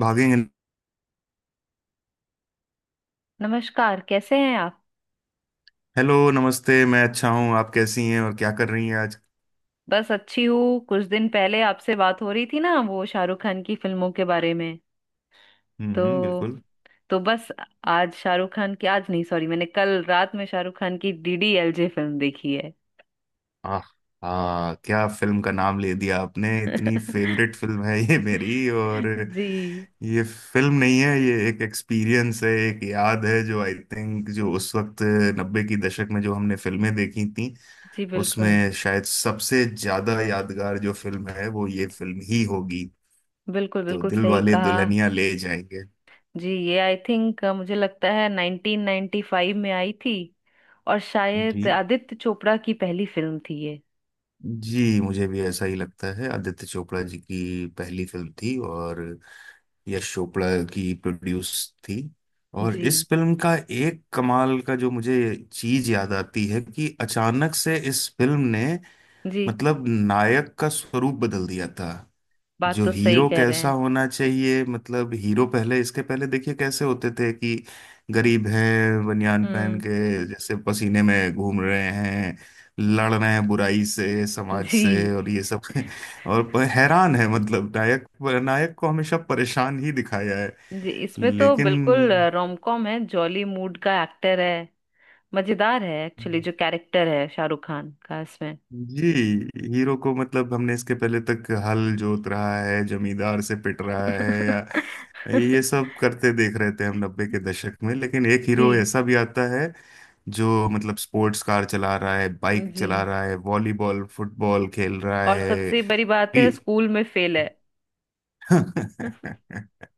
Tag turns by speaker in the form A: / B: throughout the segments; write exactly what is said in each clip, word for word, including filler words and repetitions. A: भागेंगे।
B: नमस्कार, कैसे हैं आप?
A: हेलो, नमस्ते। मैं अच्छा हूँ, आप कैसी हैं और क्या कर रही हैं आज?
B: बस अच्छी हूँ। कुछ दिन पहले आपसे बात हो रही थी ना, वो शाहरुख खान की फिल्मों के बारे में।
A: हम्म,
B: तो
A: हम्म, बिल्कुल।
B: तो बस। आज शाहरुख खान की, आज नहीं, सॉरी, मैंने कल रात में शाहरुख खान की डीडीएलजे फिल्म देखी है।
A: आह, हाँ, क्या फिल्म का नाम ले दिया आपने, इतनी फेवरेट फिल्म है ये मेरी। और
B: जी।
A: ये फिल्म नहीं है, ये एक एक्सपीरियंस है, एक याद है जो, आई थिंक, जो उस वक्त नब्बे की दशक में जो हमने फिल्में देखी थी,
B: जी बिल्कुल।
A: उसमें शायद सबसे ज्यादा यादगार जो फिल्म है वो ये फिल्म ही होगी।
B: बिल्कुल
A: तो,
B: बिल्कुल
A: दिल
B: सही
A: वाले
B: कहा।
A: दुल्हनिया ले जाएंगे।
B: जी ये आई थिंक मुझे लगता है नाइनटीन नाइनटी फाइव में आई थी। और
A: जी,
B: शायद आदित्य चोपड़ा की पहली फिल्म थी ये।
A: जी, मुझे भी ऐसा ही लगता है, आदित्य चोपड़ा जी की पहली फिल्म थी और यश चोपड़ा की प्रोड्यूस थी। और इस
B: जी
A: फिल्म का एक कमाल का जो मुझे चीज याद आती है कि अचानक से इस फिल्म ने,
B: जी।
A: मतलब, नायक का स्वरूप बदल दिया था।
B: बात
A: जो
B: तो सही
A: हीरो
B: कह रहे।
A: कैसा होना चाहिए, मतलब हीरो पहले, इसके पहले देखिए कैसे होते थे कि गरीब हैं, बनियान पहन
B: हम्म।
A: के जैसे पसीने में घूम रहे हैं, लड़ रहे हैं बुराई से, समाज से
B: जी
A: और ये सब और प- हैरान है, मतलब नायक नायक को हमेशा परेशान ही दिखाया है।
B: जी। इसमें तो बिल्कुल
A: लेकिन
B: रोम कॉम है, जॉली मूड का एक्टर है। मजेदार है एक्चुअली, जो कैरेक्टर है शाहरुख खान का इसमें।
A: जी, हीरो को, मतलब हमने इसके पहले तक हल जोत रहा है, जमींदार से पिट रहा है या ये सब करते देख रहे थे हम नब्बे के दशक में। लेकिन एक हीरो
B: जी।
A: ऐसा भी आता है जो, मतलब, स्पोर्ट्स कार चला रहा है, बाइक
B: जी,
A: चला रहा है, वॉलीबॉल फुटबॉल खेल रहा
B: और सबसे बड़ी बात
A: है।
B: है, स्कूल में फेल है।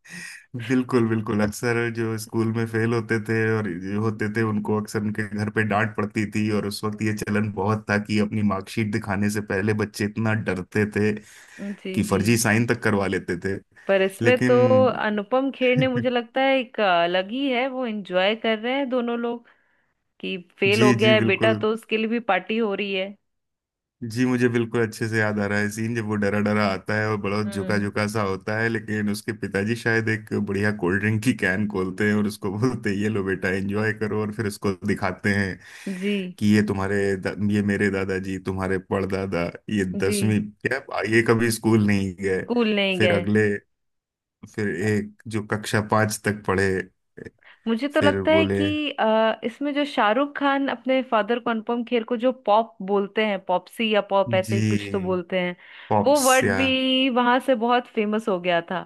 A: बिल्कुल, बिल्कुल, अक्सर जो स्कूल में फेल होते थे और जो होते थे उनको अक्सर उनके घर पे डांट पड़ती थी, और उस वक्त ये चलन बहुत था कि अपनी मार्कशीट दिखाने से पहले बच्चे इतना डरते थे
B: जी।
A: कि
B: जी,
A: फर्जी साइन तक करवा लेते थे।
B: पर इसमें तो
A: लेकिन
B: अनुपम खेर ने, मुझे लगता है, एक अलग ही है, वो एंजॉय कर रहे हैं दोनों लोग कि फेल हो
A: जी,
B: गया
A: जी,
B: है बेटा
A: बिल्कुल।
B: तो उसके लिए भी पार्टी हो रही है।
A: जी मुझे बिल्कुल अच्छे से याद आ रहा है सीन, जब वो डरा डरा आता है और बड़ा झुका
B: हम्म।
A: झुका सा होता है, लेकिन उसके पिताजी शायद एक बढ़िया कोल्ड ड्रिंक की कैन खोलते हैं और उसको बोलते हैं ये लो बेटा एंजॉय करो। और फिर उसको दिखाते हैं
B: जी
A: कि ये तुम्हारे दा- ये मेरे दादाजी, तुम्हारे परदादा, ये
B: जी।
A: दसवीं क्या, ये कभी स्कूल नहीं गए।
B: स्कूल नहीं
A: फिर
B: गए।
A: अगले, फिर एक जो कक्षा पांच तक पढ़े,
B: मुझे तो
A: फिर
B: लगता है
A: बोले।
B: कि अ, इसमें जो शाहरुख खान अपने फादर को, अनुपम खेर को, जो पॉप बोलते हैं, पॉपसी या पॉप, ऐसे ही कुछ तो
A: जी।
B: बोलते हैं। वो
A: पॉप्स,
B: वर्ड
A: या,
B: भी वहां से बहुत फेमस हो गया था।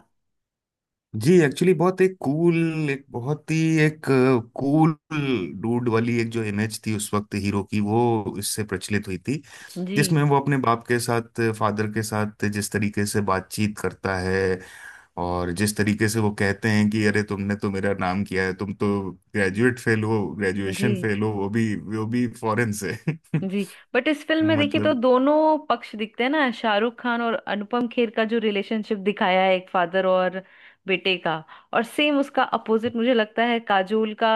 A: जी, एक्चुअली बहुत एक कूल, एक बहुत ही एक कूल डूड वाली एक जो इमेज थी उस वक्त हीरो की, वो इससे प्रचलित हुई थी।
B: जी
A: जिसमें वो अपने बाप के साथ, फादर के साथ जिस तरीके से बातचीत करता है और जिस तरीके से वो कहते हैं कि अरे तुमने तो मेरा नाम किया है, तुम तो ग्रेजुएट फेल हो,
B: जी
A: ग्रेजुएशन फेल हो, वो भी, वो भी फॉरेन से
B: जी। बट इस फिल्म में देखिए तो
A: मतलब।
B: दोनों पक्ष दिखते हैं ना, शाहरुख खान और अनुपम खेर का जो रिलेशनशिप दिखाया है एक फादर और बेटे का। और सेम उसका अपोजिट, मुझे लगता है, काजोल का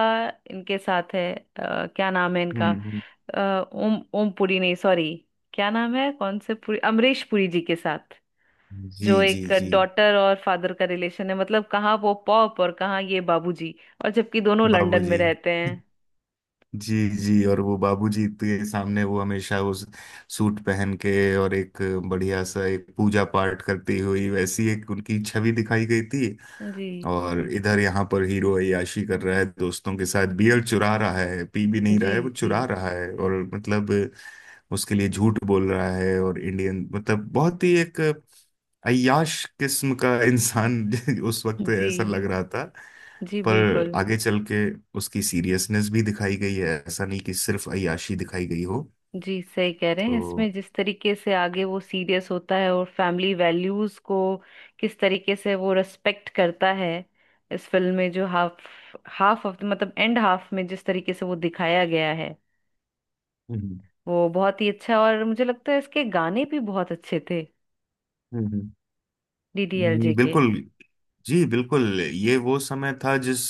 B: इनके साथ है। अ, क्या नाम है इनका?
A: हम्म, हम्म,
B: अ, ओम ओम पुरी, नहीं सॉरी, क्या नाम है, कौन से पुरी, अमरीश पुरी जी के साथ
A: जी,
B: जो
A: जी,
B: एक
A: जी।
B: डॉटर और फादर का रिलेशन है। मतलब कहाँ वो पॉप और कहाँ ये बाबूजी, और जबकि दोनों लंदन में
A: बाबूजी
B: रहते हैं।
A: जी, जी। और वो बाबूजी के सामने वो हमेशा उस सूट पहन के और एक बढ़िया सा एक पूजा पाठ करती हुई वैसी एक उनकी छवि दिखाई गई थी।
B: जी।
A: और इधर यहाँ पर हीरो अय्याशी कर रहा है, दोस्तों के साथ बियर चुरा रहा है, पी भी नहीं रहा
B: जी
A: है, वो
B: जी।
A: चुरा रहा है और मतलब उसके लिए झूठ बोल रहा है। और इंडियन, मतलब बहुत ही एक अय्याश किस्म का इंसान उस वक्त
B: जी
A: ऐसा लग रहा था।
B: जी
A: पर
B: बिल्कुल।
A: आगे चल के उसकी सीरियसनेस भी दिखाई गई है, ऐसा नहीं कि सिर्फ अय्याशी दिखाई गई हो।
B: जी सही कह रहे हैं,
A: तो।
B: इसमें जिस तरीके से आगे वो सीरियस होता है और फैमिली वैल्यूज को किस तरीके से वो रेस्पेक्ट करता है। इस फिल्म में जो हाफ हाफ ऑफ मतलब एंड हाफ में जिस तरीके से वो दिखाया गया है
A: हम्म,
B: वो बहुत ही अच्छा। और मुझे लगता है इसके गाने भी बहुत अच्छे थे,
A: हम्म,
B: डीडीएलजे
A: हम्म,
B: के।
A: बिल्कुल। जी बिल्कुल, ये वो समय था जिस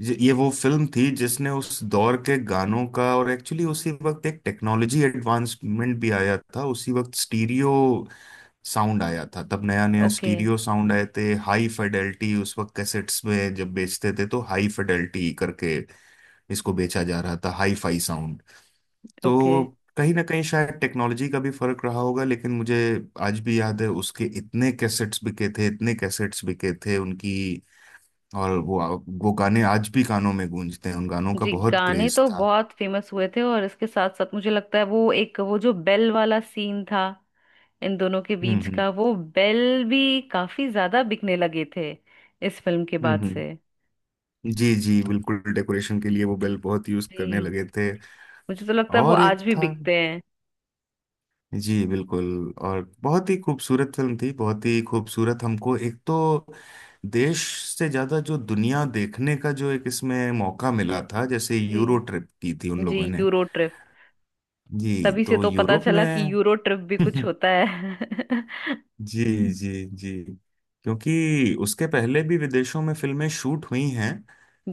A: ज- ये वो फिल्म थी जिसने उस दौर के गानों का, और एक्चुअली उसी वक्त एक टेक्नोलॉजी एडवांसमेंट भी आया था, उसी वक्त स्टीरियो साउंड आया था, तब नया नया
B: ओके।
A: स्टीरियो साउंड आए थे, हाई फिडेलिटी। उस वक्त कैसेट्स में जब बेचते थे तो हाई फिडेलिटी करके इसको बेचा जा रहा था, हाई फाई साउंड।
B: ओके।
A: तो कहीं ना कहीं शायद टेक्नोलॉजी का भी फर्क रहा होगा, लेकिन मुझे आज भी याद है, उसके इतने कैसेट्स बिके थे, इतने कैसेट्स बिके थे उनकी। और वो वो गाने आज भी कानों में गूंजते हैं, उन गानों का
B: जी,
A: बहुत
B: गाने
A: क्रेज
B: तो
A: था।
B: बहुत फेमस हुए थे। और इसके साथ साथ मुझे लगता है वो एक, वो जो बेल वाला सीन था, इन दोनों के
A: हम्म,
B: बीच
A: हम्म,
B: का, वो बेल भी काफी ज्यादा बिकने लगे थे इस फिल्म के
A: हम्म,
B: बाद
A: हम्म।
B: से।
A: जी, जी बिल्कुल, डेकोरेशन के लिए वो बेल बहुत यूज करने
B: जी।
A: लगे थे।
B: मुझे तो लगता है वो
A: और एक
B: आज भी
A: था।
B: बिकते हैं।
A: जी बिल्कुल। और बहुत ही खूबसूरत फिल्म थी, बहुत ही खूबसूरत। हमको एक तो देश से ज्यादा जो दुनिया देखने का जो एक इसमें मौका मिला था, जैसे यूरो
B: जी।
A: ट्रिप की थी उन
B: जी
A: लोगों ने।
B: Euro trip.
A: जी,
B: तभी से
A: तो
B: तो पता
A: यूरोप
B: चला कि
A: में।
B: यूरो ट्रिप भी कुछ होता है।
A: जी, जी, जी। क्योंकि उसके पहले भी विदेशों में फिल्में शूट हुई हैं।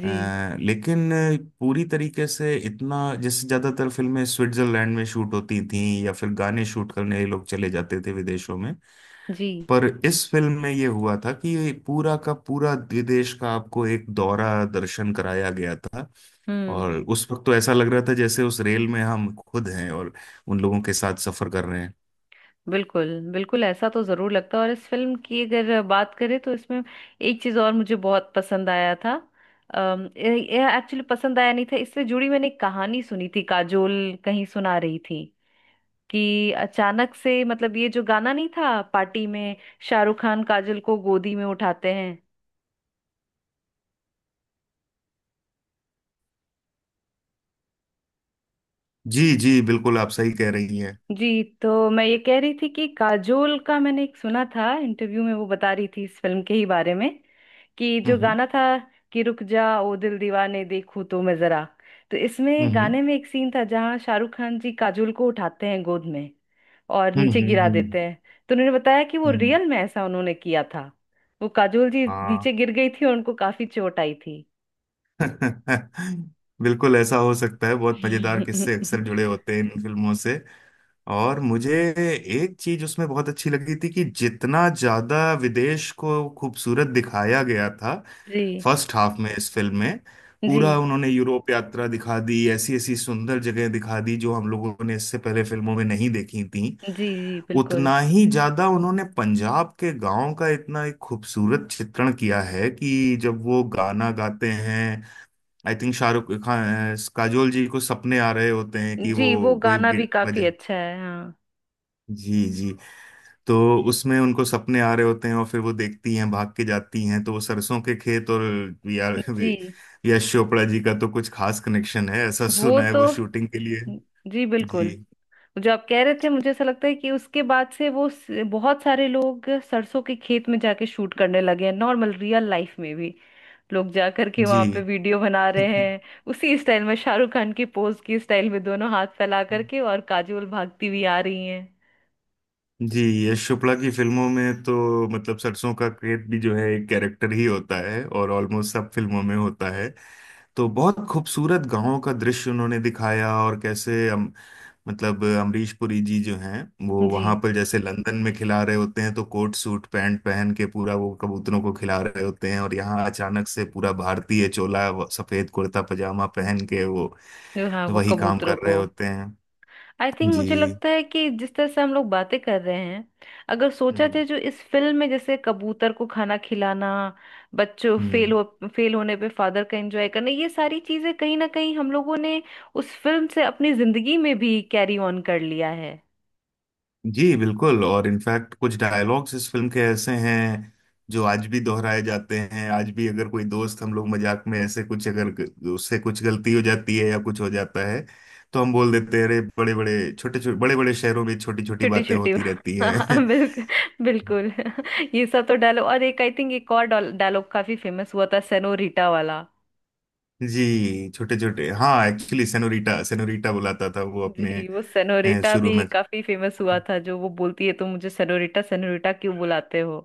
B: जी।
A: अ, लेकिन पूरी तरीके से इतना, जैसे ज्यादातर फिल्में स्विट्जरलैंड में शूट होती थी या फिर गाने शूट करने लोग चले जाते थे विदेशों में।
B: जी।
A: पर इस फिल्म में ये हुआ था कि ये पूरा का पूरा विदेश का आपको एक दौरा दर्शन कराया गया था।
B: हम्म,
A: और उस वक्त तो ऐसा लग रहा था जैसे उस रेल में हम खुद हैं और उन लोगों के साथ सफर कर रहे हैं।
B: बिल्कुल। बिल्कुल ऐसा तो जरूर लगता है। और इस फिल्म की अगर बात करें तो इसमें एक चीज और मुझे बहुत पसंद आया था, एक्चुअली पसंद आया नहीं था, इससे जुड़ी मैंने एक कहानी सुनी थी, काजोल कहीं सुना रही थी, कि अचानक से मतलब ये जो गाना नहीं था पार्टी में शाहरुख खान काजोल को गोदी में उठाते हैं।
A: जी, जी बिल्कुल, आप सही कह रही हैं।
B: जी, तो मैं ये कह रही थी कि काजोल का मैंने एक सुना था इंटरव्यू में, वो बता रही थी इस फिल्म के ही बारे में कि जो
A: हम्म,
B: गाना था कि रुक जा ओ दिल दीवाने देखूं तो मैं जरा, तो इसमें
A: हम्म,
B: गाने में एक सीन था जहाँ शाहरुख खान जी काजोल को उठाते हैं गोद में और
A: हम्म,
B: नीचे
A: हम्म,
B: गिरा
A: हम्म,
B: देते हैं। तो उन्होंने बताया कि वो
A: हम्म,
B: रियल में ऐसा उन्होंने किया था, वो काजोल जी
A: हाँ।
B: नीचे गिर गई थी और उनको काफी चोट आई थी।
A: बिल्कुल ऐसा हो सकता है, बहुत मजेदार किस्से
B: जी।
A: अक्सर जुड़े होते हैं इन फिल्मों से। और मुझे एक चीज उसमें बहुत अच्छी लगी थी कि जितना ज्यादा विदेश को खूबसूरत दिखाया गया था, फर्स्ट हाफ में इस फिल्म में
B: जी।
A: पूरा उन्होंने यूरोप यात्रा दिखा दी, ऐसी ऐसी सुंदर जगह दिखा दी जो हम लोगों ने इससे पहले फिल्मों में नहीं देखी थी,
B: जी। जी बिल्कुल।
A: उतना ही ज्यादा उन्होंने पंजाब के गांव का इतना एक खूबसूरत चित्रण किया है कि जब वो गाना गाते हैं, आई थिंक शाहरुख खान, काजोल जी को सपने आ रहे होते हैं कि वो
B: जी वो
A: कोई
B: गाना भी
A: गिट- बजे।
B: काफी अच्छा है, हाँ।
A: जी, जी। तो उसमें उनको सपने आ रहे होते हैं और फिर वो देखती हैं, भाग के जाती हैं तो वो सरसों के खेत और वी आर वी-
B: जी
A: यश चोपड़ा जी का तो कुछ खास कनेक्शन है ऐसा
B: वो
A: सुना है,
B: तो,
A: वो शूटिंग के लिए।
B: जी
A: जी,
B: बिल्कुल। जो आप कह रहे थे मुझे ऐसा लगता है कि उसके बाद से वो स- बहुत सारे लोग सरसों के खेत में जाके शूट करने लगे हैं नॉर्मल रियल लाइफ में भी, लोग जा करके वहां पे
A: जी,
B: वीडियो बना रहे हैं उसी स्टाइल में, शाहरुख खान की पोज की स्टाइल में दोनों हाथ फैला करके, और काजोल भागती हुई आ रही हैं।
A: जी। यश चोपड़ा की फिल्मों में तो मतलब सरसों का खेत भी जो है, एक कैरेक्टर ही होता है और ऑलमोस्ट सब फिल्मों में होता है। तो बहुत खूबसूरत गांवों का दृश्य उन्होंने दिखाया, और कैसे हम, मतलब अमरीश पुरी जी जो हैं, वो
B: जी।
A: वहां पर जैसे लंदन में खिला रहे होते हैं तो कोट सूट पैंट पहन के पूरा वो कबूतरों को खिला रहे होते हैं, और यहाँ अचानक से पूरा भारतीय चोला व- सफेद कुर्ता पजामा पहन के वो
B: जो, हाँ, वो
A: वही काम
B: कबूतरों
A: कर रहे
B: को।
A: होते हैं।
B: आई थिंक मुझे
A: जी।
B: लगता है कि जिस तरह से हम लोग बातें कर रहे हैं, अगर सोचा जाए जो इस फिल्म में जैसे कबूतर को खाना खिलाना, बच्चों फेल
A: हम्म।
B: हो फेल होने पे फादर का एंजॉय करना, ये सारी चीजें कहीं ना कहीं हम लोगों ने उस फिल्म से अपनी जिंदगी में भी कैरी ऑन कर लिया है।
A: जी बिल्कुल। और इनफैक्ट कुछ डायलॉग्स इस फिल्म के ऐसे हैं जो आज भी दोहराए जाते हैं, आज भी अगर कोई दोस्त, हम लोग मजाक में ऐसे कुछ अगर ग- उससे कुछ गलती हो जाती है या कुछ हो जाता है तो हम बोल देते हैं, अरे, बड़े बड़े छोटे छोटे बड़े बड़े शहरों में छोटी छोटी
B: छोटी
A: बातें
B: छोटी।
A: होती रहती
B: हाँ,
A: हैं।
B: बिल्कुल। बिल्कुल। ये सब तो डायलॉग, और एक आई थिंक एक और डायलॉग काफी फेमस हुआ था, सेनोरिटा वाला।
A: जी, छोटे छोटे, हाँ, एक्चुअली सेनोरीटा, सेनोरीटा बुलाता था वो अपने,
B: जी, वो
A: अ,
B: सेनोरिटा
A: शुरू
B: भी
A: में।
B: काफी फेमस हुआ था, जो वो बोलती है तो मुझे सेनोरिटा सेनोरिटा क्यों बुलाते हो।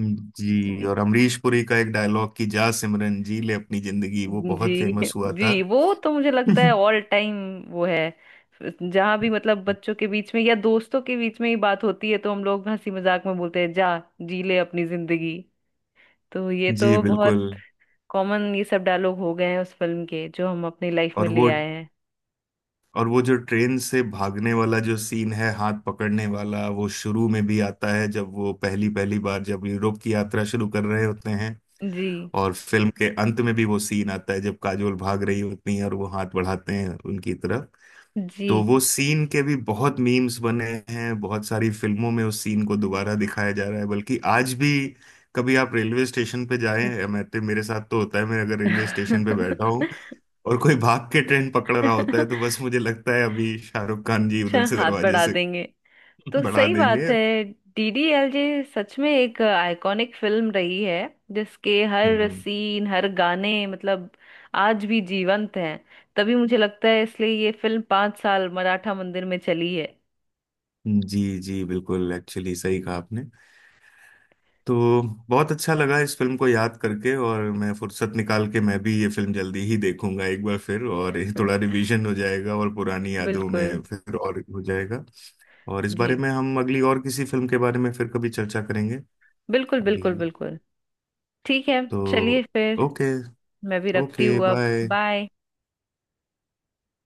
A: जी।
B: जी।
A: और अमरीश पुरी का एक डायलॉग कि जा सिमरन जी ले अपनी जिंदगी, वो बहुत
B: जी।
A: फेमस हुआ था।
B: जी वो तो मुझे लगता है ऑल टाइम वो है, जहाँ भी मतलब बच्चों के बीच में या दोस्तों के बीच में ही बात होती है तो हम लोग हंसी मजाक में बोलते हैं, जा जी ले अपनी जिंदगी। तो ये
A: जी
B: तो
A: बिल्कुल।
B: बहुत कॉमन ये सब डायलॉग हो गए हैं उस फिल्म के जो हम अपनी लाइफ में
A: और
B: ले
A: वो
B: आए हैं।
A: और वो जो ट्रेन से भागने वाला जो सीन है, हाथ पकड़ने वाला, वो शुरू में भी आता है जब वो पहली पहली बार जब यूरोप की यात्रा शुरू कर रहे होते हैं।
B: जी।
A: और फिल्म के अंत में भी वो सीन आता है जब काजोल भाग रही होती हैं और वो हाथ बढ़ाते हैं उनकी तरफ।
B: जी।
A: तो वो सीन के भी बहुत मीम्स बने हैं, बहुत सारी फिल्मों में उस सीन को दोबारा दिखाया जा रहा है, बल्कि आज भी, कभी आप रेलवे स्टेशन पे जाएं, मैं तो, मेरे साथ तो होता है, मैं अगर रेलवे स्टेशन पे बैठा हूँ और कोई भाग के ट्रेन पकड़ रहा होता है तो बस मुझे लगता है अभी शाहरुख खान जी
B: अच्छा,
A: उधर से
B: हाथ
A: दरवाजे
B: बढ़ा
A: से
B: देंगे। तो
A: बढ़ा
B: सही बात
A: देंगे।
B: है, डीडीएलजे सच में एक आइकॉनिक फिल्म रही है जिसके हर
A: हम्म।
B: सीन, हर गाने मतलब आज भी जीवंत हैं। तभी मुझे लगता है इसलिए ये फिल्म पांच साल मराठा मंदिर में चली है।
A: जी, जी बिल्कुल, एक्चुअली सही कहा आपने। तो बहुत अच्छा लगा इस फिल्म को याद करके, और मैं फुर्सत निकाल के मैं भी ये फिल्म जल्दी ही देखूंगा एक बार फिर, और ये थोड़ा रिवीजन हो जाएगा और पुरानी यादों में
B: बिल्कुल।
A: फिर और हो जाएगा। और इस
B: जी।
A: बारे में हम अगली और किसी फिल्म के बारे में फिर कभी चर्चा करेंगे।
B: बिल्कुल
A: अभी
B: बिल्कुल बिल्कुल। ठीक है, चलिए
A: तो,
B: फिर
A: ओके।
B: मैं भी रखती
A: ओके,
B: हूँ अब।
A: बाय।
B: बाय।